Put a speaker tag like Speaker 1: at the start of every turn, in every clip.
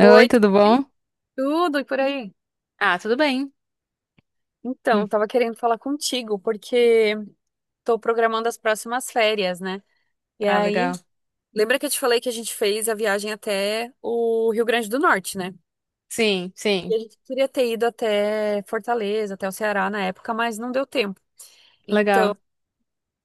Speaker 1: Oi,
Speaker 2: tudo bom?
Speaker 1: tudo e por aí?
Speaker 2: Ah, tudo bem.
Speaker 1: Então,
Speaker 2: Hum.
Speaker 1: tava querendo falar contigo porque tô programando as próximas férias, né? E
Speaker 2: Ah, legal.
Speaker 1: aí, lembra que eu te falei que a gente fez a viagem até o Rio Grande do Norte, né?
Speaker 2: Sim,
Speaker 1: E
Speaker 2: sim,
Speaker 1: a gente queria ter ido até Fortaleza, até o Ceará na época, mas não deu tempo. Então,
Speaker 2: legal.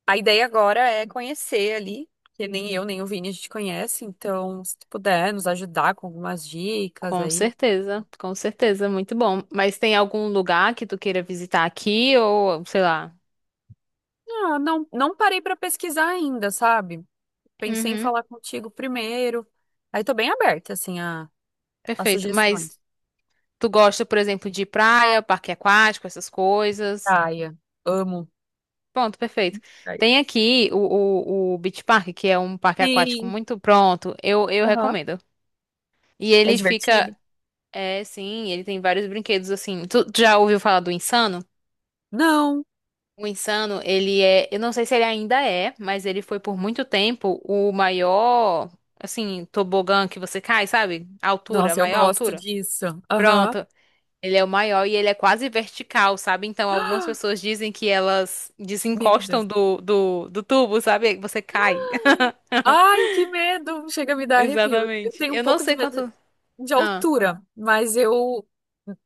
Speaker 1: a ideia agora é conhecer ali, que nem eu nem o Vini a gente conhece, então, se tu puder nos ajudar com algumas dicas aí.
Speaker 2: Com certeza, muito bom. Mas tem algum lugar que tu queira visitar aqui ou, sei lá?
Speaker 1: Ah, não parei pra pesquisar ainda, sabe? Pensei em
Speaker 2: Uhum,
Speaker 1: falar contigo primeiro. Aí tô bem aberta, assim, a
Speaker 2: perfeito. Mas
Speaker 1: sugestões.
Speaker 2: tu gosta, por exemplo, de praia, parque aquático, essas coisas?
Speaker 1: Praia. Amo.
Speaker 2: Pronto, perfeito.
Speaker 1: Praia.
Speaker 2: Tem aqui o Beach Park, que é um parque aquático
Speaker 1: Sim.
Speaker 2: muito pronto. Eu
Speaker 1: Aham.
Speaker 2: recomendo. E
Speaker 1: É
Speaker 2: ele fica,
Speaker 1: divertido?
Speaker 2: é, sim, ele tem vários brinquedos assim. Tu já ouviu falar do Insano?
Speaker 1: Não.
Speaker 2: O Insano, ele é, eu não sei se ele ainda é, mas ele foi por muito tempo o maior, assim, tobogã que você cai, sabe? A altura, a
Speaker 1: Nossa, eu
Speaker 2: maior
Speaker 1: gosto
Speaker 2: altura.
Speaker 1: disso. Aham.
Speaker 2: Pronto. Ele é o maior e ele é quase vertical, sabe? Então, algumas pessoas dizem que elas
Speaker 1: Meu
Speaker 2: desencostam
Speaker 1: Deus.
Speaker 2: do tubo, sabe? Você cai.
Speaker 1: Ai, que medo! Chega a me dar arrepio. Eu
Speaker 2: Exatamente.
Speaker 1: tenho um
Speaker 2: Eu não
Speaker 1: pouco de
Speaker 2: sei
Speaker 1: medo
Speaker 2: quanto.
Speaker 1: de
Speaker 2: Ah,
Speaker 1: altura,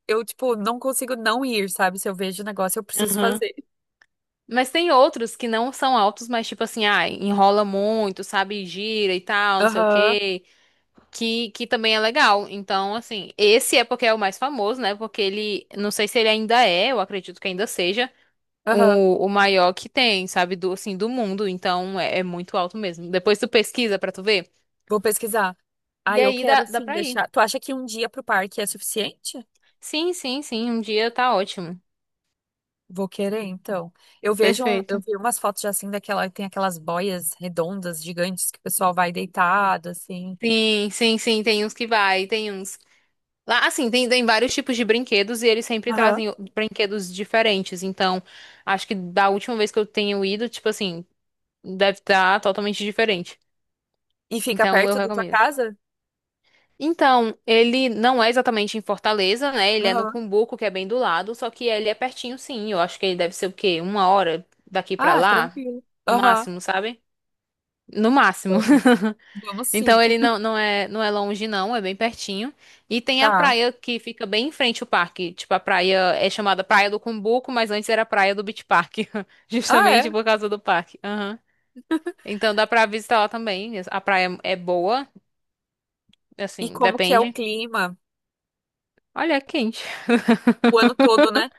Speaker 1: eu, tipo, não consigo não ir, sabe? Se eu vejo o negócio, eu preciso
Speaker 2: aham.
Speaker 1: fazer.
Speaker 2: Mas tem outros que não são altos, mas tipo assim, ah, enrola muito, sabe? Gira e tal, não sei o
Speaker 1: Aham,
Speaker 2: quê. Que também é legal. Então, assim, esse é porque é o mais famoso, né? Porque ele, não sei se ele ainda é, eu acredito que ainda seja,
Speaker 1: aham.
Speaker 2: o maior que tem, sabe? Do, assim, do mundo. Então, é muito alto mesmo. Depois tu pesquisa pra tu ver.
Speaker 1: Vou pesquisar. Ah,
Speaker 2: E
Speaker 1: eu
Speaker 2: aí dá,
Speaker 1: quero
Speaker 2: dá
Speaker 1: sim
Speaker 2: pra ir.
Speaker 1: deixar. Tu acha que um dia pro parque é suficiente?
Speaker 2: Sim, sim, sim. Um dia tá ótimo.
Speaker 1: Vou querer, então. Eu vejo, eu
Speaker 2: Perfeito.
Speaker 1: vi umas fotos já assim daquela, tem aquelas boias redondas, gigantes, que o pessoal vai deitado, assim.
Speaker 2: Sim, sim, sim. Tem uns que vai, tem uns. Lá, assim, tem vários tipos de brinquedos e eles sempre
Speaker 1: Aham.
Speaker 2: trazem brinquedos diferentes. Então, acho que da última vez que eu tenho ido, tipo assim, deve estar totalmente diferente.
Speaker 1: E fica
Speaker 2: Então, eu
Speaker 1: perto da tua
Speaker 2: recomendo.
Speaker 1: casa?
Speaker 2: Então, ele não é exatamente em Fortaleza, né? Ele é no
Speaker 1: Aham.
Speaker 2: Cumbuco, que é bem do lado, só que ele é pertinho, sim. Eu acho que ele deve ser o quê? Uma hora daqui pra
Speaker 1: Ah,
Speaker 2: lá,
Speaker 1: tranquilo.
Speaker 2: no
Speaker 1: Aham.
Speaker 2: máximo, sabe? No máximo.
Speaker 1: Vamos. Vamos sim.
Speaker 2: Então, ele não, não é longe, não, é bem pertinho. E tem a
Speaker 1: Tá.
Speaker 2: praia que fica bem em frente ao parque. Tipo, a praia é chamada Praia do Cumbuco, mas antes era Praia do Beach Park,
Speaker 1: Ah,
Speaker 2: justamente
Speaker 1: é?
Speaker 2: por causa do parque. Aham. Então, dá pra visitar lá também. A praia é boa.
Speaker 1: E
Speaker 2: Assim,
Speaker 1: como que é o
Speaker 2: depende.
Speaker 1: clima?
Speaker 2: Olha, é quente.
Speaker 1: O ano todo, né?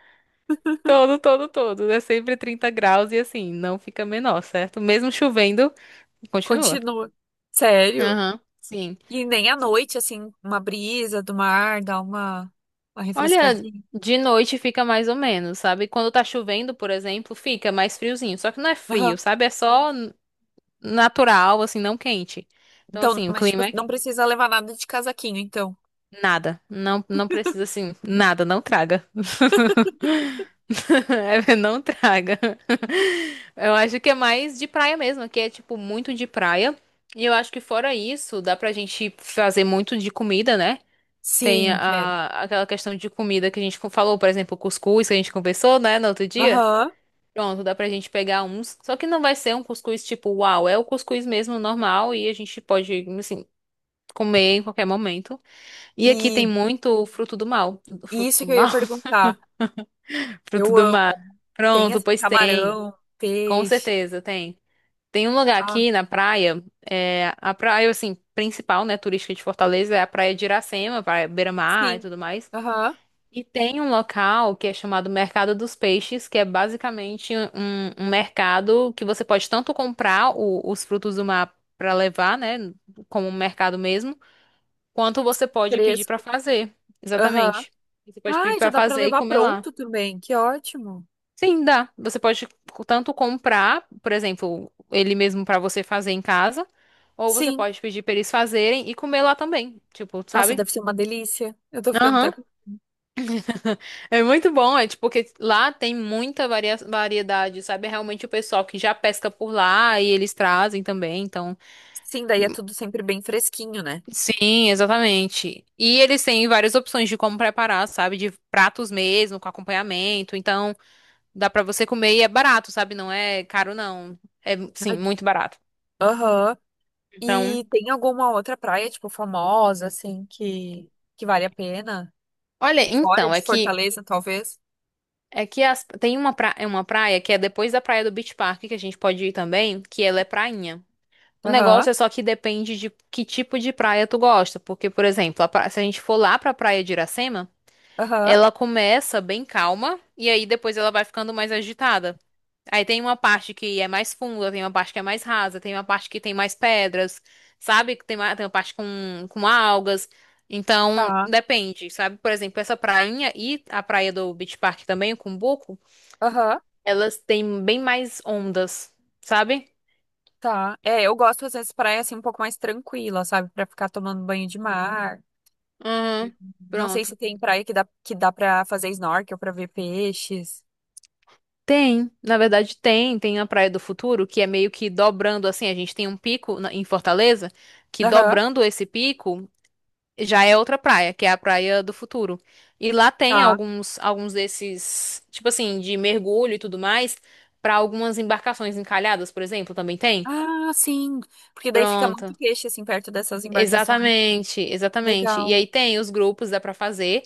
Speaker 2: Todo, todo, todo. É sempre 30 graus e assim, não fica menor, certo? Mesmo chovendo, continua.
Speaker 1: Continua. Sério?
Speaker 2: Aham, sim.
Speaker 1: E nem à noite, assim, uma brisa do mar, dá uma
Speaker 2: Olha,
Speaker 1: refrescadinha.
Speaker 2: de noite fica mais ou menos, sabe? Quando tá chovendo, por exemplo, fica mais friozinho. Só que não é frio,
Speaker 1: Aham.
Speaker 2: sabe? É só natural, assim, não quente. Então,
Speaker 1: Então,
Speaker 2: assim, o
Speaker 1: mas tipo,
Speaker 2: clima é.
Speaker 1: não precisa levar nada de casaquinho, então.
Speaker 2: Nada. Não, não precisa assim. Nada, não traga. Não traga. Eu acho que é mais de praia mesmo, que é tipo muito de praia. E eu acho que fora isso, dá pra gente fazer muito de comida, né? Tem
Speaker 1: Sim,
Speaker 2: aquela questão de comida que a gente falou, por exemplo, cuscuz que a gente conversou, né, no outro dia.
Speaker 1: aham.
Speaker 2: Pronto, dá pra gente pegar uns. Só que não vai ser um cuscuz tipo, uau, é o cuscuz mesmo normal e a gente pode, assim, comer em qualquer momento. E aqui tem
Speaker 1: E
Speaker 2: muito fruto do mal.
Speaker 1: isso
Speaker 2: Fruto
Speaker 1: que
Speaker 2: do
Speaker 1: eu ia
Speaker 2: mal?
Speaker 1: perguntar.
Speaker 2: Fruto
Speaker 1: Eu
Speaker 2: do mar.
Speaker 1: amo. Tem
Speaker 2: Pronto,
Speaker 1: assim,
Speaker 2: pois tem.
Speaker 1: camarão,
Speaker 2: Com
Speaker 1: peixe.
Speaker 2: certeza, tem. Tem um lugar
Speaker 1: Ah,
Speaker 2: aqui na praia, é, a praia, assim, principal, né, turística de Fortaleza, é a praia de Iracema, praia Beira-Mar e
Speaker 1: sim.
Speaker 2: tudo mais.
Speaker 1: Aham.
Speaker 2: E tem um local que é chamado Mercado dos Peixes, que é basicamente um mercado que você pode tanto comprar os frutos do mar para levar, né, como um mercado mesmo, quanto você pode pedir pra
Speaker 1: Fresco.
Speaker 2: fazer.
Speaker 1: Aham.
Speaker 2: Exatamente. Você pode pedir
Speaker 1: Ai, já
Speaker 2: pra
Speaker 1: dá pra
Speaker 2: fazer e
Speaker 1: levar
Speaker 2: comer lá.
Speaker 1: pronto também. Que ótimo.
Speaker 2: Sim, dá. Você pode tanto comprar, por exemplo, ele mesmo pra você fazer em casa, ou você
Speaker 1: Sim.
Speaker 2: pode pedir pra eles fazerem e comer lá também. Tipo,
Speaker 1: Nossa,
Speaker 2: sabe?
Speaker 1: deve ser uma delícia. Eu tô ficando até.
Speaker 2: Aham.
Speaker 1: com-
Speaker 2: É muito bom, é tipo, porque lá tem muita variedade, sabe? É realmente o pessoal que já pesca por lá e eles trazem também, então.
Speaker 1: Sim, daí é tudo sempre bem fresquinho, né?
Speaker 2: Sim, exatamente. E eles têm várias opções de como preparar, sabe? De pratos mesmo, com acompanhamento. Então, dá pra você comer e é barato, sabe? Não é caro, não. É, sim,
Speaker 1: Ai,
Speaker 2: muito barato.
Speaker 1: aham.
Speaker 2: Então,
Speaker 1: E tem alguma outra praia, tipo, famosa, assim, que vale a pena?
Speaker 2: olha,
Speaker 1: Fora
Speaker 2: então, é
Speaker 1: de
Speaker 2: que
Speaker 1: Fortaleza, talvez?
Speaker 2: é que tem uma, é uma praia que é depois da praia do Beach Park, que a gente pode ir também, que ela é prainha. O
Speaker 1: Aham.
Speaker 2: negócio é só que depende de que tipo de praia tu gosta. Porque, por exemplo, se a gente for lá pra praia de Iracema.
Speaker 1: Aham.
Speaker 2: Ela começa bem calma e aí depois ela vai ficando mais agitada. Aí tem uma parte que é mais funda, tem uma parte que é mais rasa, tem uma parte que tem mais pedras, sabe? Tem uma parte com algas. Então,
Speaker 1: Tá.
Speaker 2: depende, sabe? Por exemplo, essa prainha e a praia do Beach Park também, o Cumbuco,
Speaker 1: Aham.
Speaker 2: elas têm bem mais ondas, sabe?
Speaker 1: Tá. É, eu gosto às vezes praia assim um pouco mais tranquila, sabe? Pra ficar tomando banho de mar.
Speaker 2: Uhum.
Speaker 1: Não sei
Speaker 2: Pronto.
Speaker 1: se tem praia que dá para fazer snorkel, pra ver peixes.
Speaker 2: Tem, na verdade tem a Praia do Futuro, que é meio que dobrando assim, a gente tem um pico em Fortaleza, que
Speaker 1: Aham.
Speaker 2: dobrando esse pico já é outra praia, que é a Praia do Futuro. E lá tem
Speaker 1: Tá.
Speaker 2: alguns desses, tipo assim, de mergulho e tudo mais, para algumas embarcações encalhadas, por exemplo, também tem.
Speaker 1: Ah, sim. Porque daí fica
Speaker 2: Pronto.
Speaker 1: muito peixe assim perto dessas embarcações.
Speaker 2: Exatamente, exatamente. E
Speaker 1: Legal.
Speaker 2: aí tem os grupos, dá pra fazer,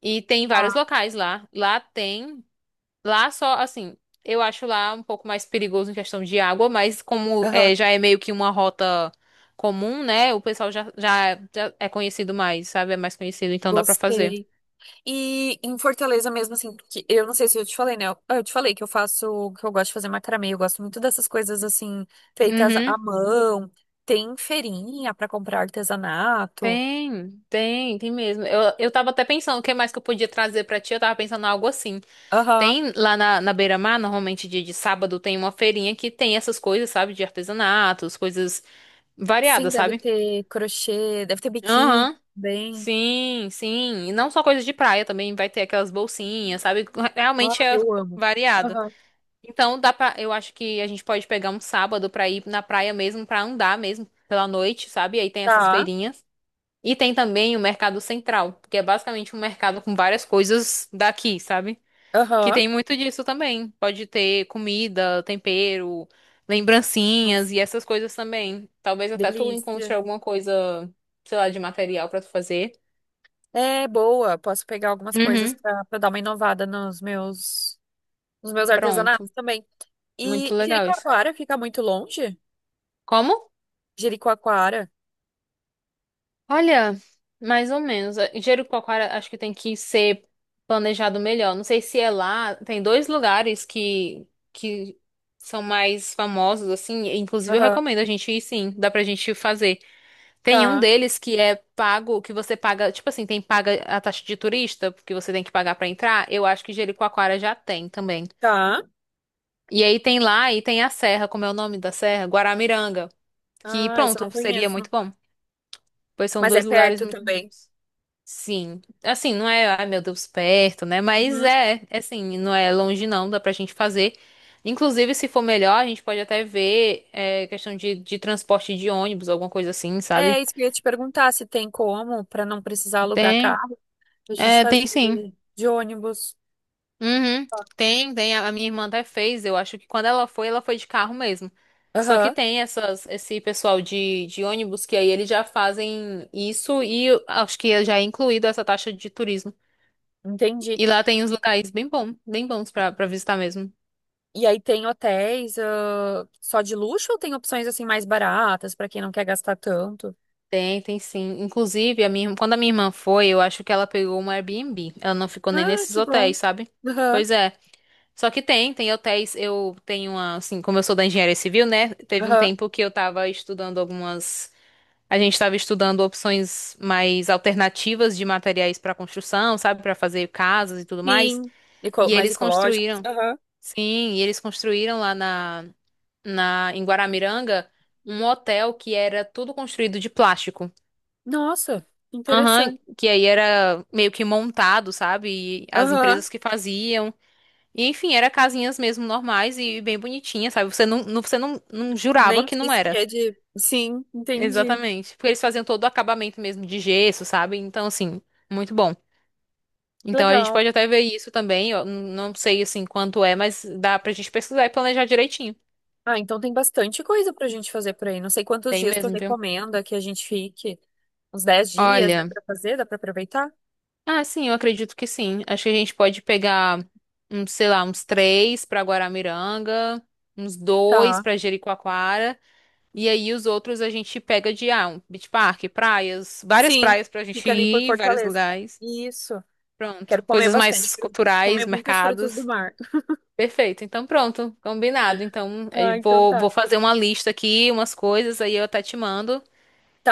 Speaker 2: e tem vários
Speaker 1: Tá.
Speaker 2: locais lá. Lá tem Lá só, assim, eu acho lá um pouco mais perigoso em questão de água, mas como é,
Speaker 1: Aham.
Speaker 2: já é meio que uma rota comum, né? O pessoal já é conhecido mais, sabe? É mais conhecido, então dá pra fazer.
Speaker 1: Gostei. E em Fortaleza mesmo assim, que eu não sei se eu te falei, né? Eu te falei que eu faço, que eu gosto de fazer macramê, eu gosto muito dessas coisas assim feitas
Speaker 2: Uhum.
Speaker 1: à mão. Tem feirinha pra comprar artesanato.
Speaker 2: Tem mesmo. Eu tava até pensando o que mais que eu podia trazer pra ti. Eu tava pensando em algo assim.
Speaker 1: Aham.
Speaker 2: Tem lá na beira-mar, normalmente dia de sábado, tem uma feirinha que tem essas coisas, sabe? De artesanatos, coisas
Speaker 1: Sim,
Speaker 2: variadas,
Speaker 1: deve
Speaker 2: sabe?
Speaker 1: ter crochê, deve ter biquíni
Speaker 2: Aham.
Speaker 1: também.
Speaker 2: Sim, sim. E não só coisas de praia, também vai ter aquelas bolsinhas, sabe?
Speaker 1: Ah,
Speaker 2: Realmente é
Speaker 1: eu amo.
Speaker 2: variado.
Speaker 1: Aham.
Speaker 2: Então eu acho que a gente pode pegar um sábado pra ir na praia mesmo, pra andar mesmo pela noite, sabe? Aí tem essas
Speaker 1: Tá.
Speaker 2: feirinhas. E tem também o Mercado Central, que é basicamente um mercado com várias coisas daqui, sabe? Que
Speaker 1: Aham.
Speaker 2: tem muito disso também. Pode ter comida, tempero,
Speaker 1: Nossa,
Speaker 2: lembrancinhas e essas coisas também. Talvez até tu encontre
Speaker 1: delícia.
Speaker 2: alguma coisa, sei lá, de material pra tu fazer.
Speaker 1: É boa. Posso pegar algumas coisas
Speaker 2: Uhum.
Speaker 1: pra dar uma inovada nos meus
Speaker 2: Pronto.
Speaker 1: artesanatos também.
Speaker 2: Muito
Speaker 1: E
Speaker 2: legal isso.
Speaker 1: Jericoacoara fica muito longe?
Speaker 2: Como?
Speaker 1: Jericoacoara.
Speaker 2: Olha, mais ou menos. Jericoacoara acho que tem que ser planejado melhor. Não sei se é lá. Tem dois lugares que são mais famosos, assim. Inclusive, eu
Speaker 1: Aham.
Speaker 2: recomendo a gente ir, sim. Dá pra gente fazer. Tem um
Speaker 1: Tá.
Speaker 2: deles que é pago, que você paga. Tipo assim, tem paga a taxa de turista, porque você tem que pagar pra entrar. Eu acho que Jericoacoara já tem também.
Speaker 1: Tá.
Speaker 2: E aí tem lá e tem a serra. Como é o nome da serra? Guaramiranga. Que
Speaker 1: Ah, isso eu
Speaker 2: pronto,
Speaker 1: não
Speaker 2: seria
Speaker 1: conheço.
Speaker 2: muito bom, pois são
Speaker 1: Mas é
Speaker 2: dois lugares
Speaker 1: perto
Speaker 2: muito
Speaker 1: também.
Speaker 2: bons. Sim. Assim, não é, ai meu Deus, perto, né? Mas
Speaker 1: Uhum.
Speaker 2: é assim, não é longe não, dá pra gente fazer. Inclusive, se for melhor, a gente pode até ver questão de transporte de ônibus, alguma coisa assim,
Speaker 1: É
Speaker 2: sabe?
Speaker 1: isso que eu ia te perguntar se tem como, pra não precisar alugar
Speaker 2: Tem,
Speaker 1: carro, a gente
Speaker 2: tem
Speaker 1: fazer
Speaker 2: sim.
Speaker 1: de ônibus.
Speaker 2: Uhum. Tem. A minha irmã até fez. Eu acho que quando ela foi de carro mesmo. Só que
Speaker 1: Aham,
Speaker 2: tem esse pessoal de ônibus que aí eles já fazem isso e eu acho que já é incluído essa taxa de turismo.
Speaker 1: entendi.
Speaker 2: E lá tem uns
Speaker 1: E
Speaker 2: locais bem bons pra visitar mesmo.
Speaker 1: aí tem hotéis, ah, só de luxo ou tem opções assim mais baratas pra quem não quer gastar tanto?
Speaker 2: Tem sim. Inclusive, quando a minha irmã foi, eu acho que ela pegou um Airbnb. Ela não ficou nem
Speaker 1: Ah,
Speaker 2: nesses
Speaker 1: que bom.
Speaker 2: hotéis, sabe?
Speaker 1: Aham,
Speaker 2: Pois é. Só que tem hotéis. Eu tenho uma, assim, como eu sou da engenharia civil, né? Teve um
Speaker 1: aham.
Speaker 2: tempo que eu tava estudando algumas. A gente tava estudando opções mais alternativas de materiais pra construção, sabe? Pra fazer casas e tudo mais.
Speaker 1: Sim.
Speaker 2: E
Speaker 1: Mais
Speaker 2: eles
Speaker 1: ecológicos.
Speaker 2: construíram.
Speaker 1: Aham.
Speaker 2: Sim, e eles construíram lá em Guaramiranga um hotel que era tudo construído de plástico.
Speaker 1: Nossa,
Speaker 2: Aham,
Speaker 1: interessante.
Speaker 2: que aí era meio que montado, sabe? E as
Speaker 1: Aham.
Speaker 2: empresas que faziam. E, enfim, era casinhas mesmo normais e bem bonitinhas, sabe? Você não jurava
Speaker 1: Nem
Speaker 2: que não
Speaker 1: disse que
Speaker 2: era.
Speaker 1: é de. Sim, entendi.
Speaker 2: Exatamente. Porque eles faziam todo o acabamento mesmo de gesso, sabe? Então, assim, muito bom.
Speaker 1: Que
Speaker 2: Então a gente
Speaker 1: legal.
Speaker 2: pode até ver isso também. Eu não sei assim quanto é, mas dá pra gente pesquisar e planejar direitinho.
Speaker 1: Ah, então tem bastante coisa pra gente fazer por aí. Não sei quantos
Speaker 2: Tem
Speaker 1: dias tu
Speaker 2: mesmo, viu?
Speaker 1: recomenda que a gente fique. Uns 10 dias, dá
Speaker 2: Olha.
Speaker 1: pra fazer? Dá pra aproveitar?
Speaker 2: Ah, sim, eu acredito que sim. Acho que a gente pode pegar, uns, sei lá, uns três pra Guaramiranga, uns dois
Speaker 1: Tá.
Speaker 2: pra Jericoacoara, e aí os outros a gente pega um beach park, praias, várias
Speaker 1: Sim,
Speaker 2: praias pra gente
Speaker 1: fica ali por
Speaker 2: ir, vários
Speaker 1: Fortaleza.
Speaker 2: lugares.
Speaker 1: Isso. Quero
Speaker 2: Pronto.
Speaker 1: comer
Speaker 2: Coisas
Speaker 1: bastante.
Speaker 2: mais
Speaker 1: Quero
Speaker 2: culturais,
Speaker 1: comer muitos frutos do
Speaker 2: mercados.
Speaker 1: mar.
Speaker 2: Perfeito. Então, pronto, combinado. Então,
Speaker 1: Ah,
Speaker 2: eu
Speaker 1: então
Speaker 2: vou
Speaker 1: tá.
Speaker 2: fazer uma lista aqui, umas coisas, aí eu até te mando,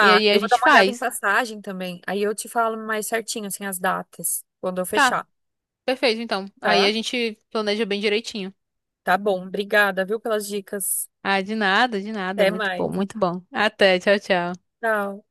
Speaker 2: e aí a
Speaker 1: eu vou dar
Speaker 2: gente
Speaker 1: uma olhada em
Speaker 2: faz.
Speaker 1: passagem também. Aí eu te falo mais certinho, assim, as datas, quando eu
Speaker 2: Tá,
Speaker 1: fechar.
Speaker 2: perfeito, então. Aí
Speaker 1: Tá?
Speaker 2: a gente planeja bem direitinho.
Speaker 1: Tá bom. Obrigada, viu, pelas dicas.
Speaker 2: Ah, de nada, de nada.
Speaker 1: Até
Speaker 2: Muito bom,
Speaker 1: mais.
Speaker 2: muito bom. Até, tchau, tchau.
Speaker 1: Tchau.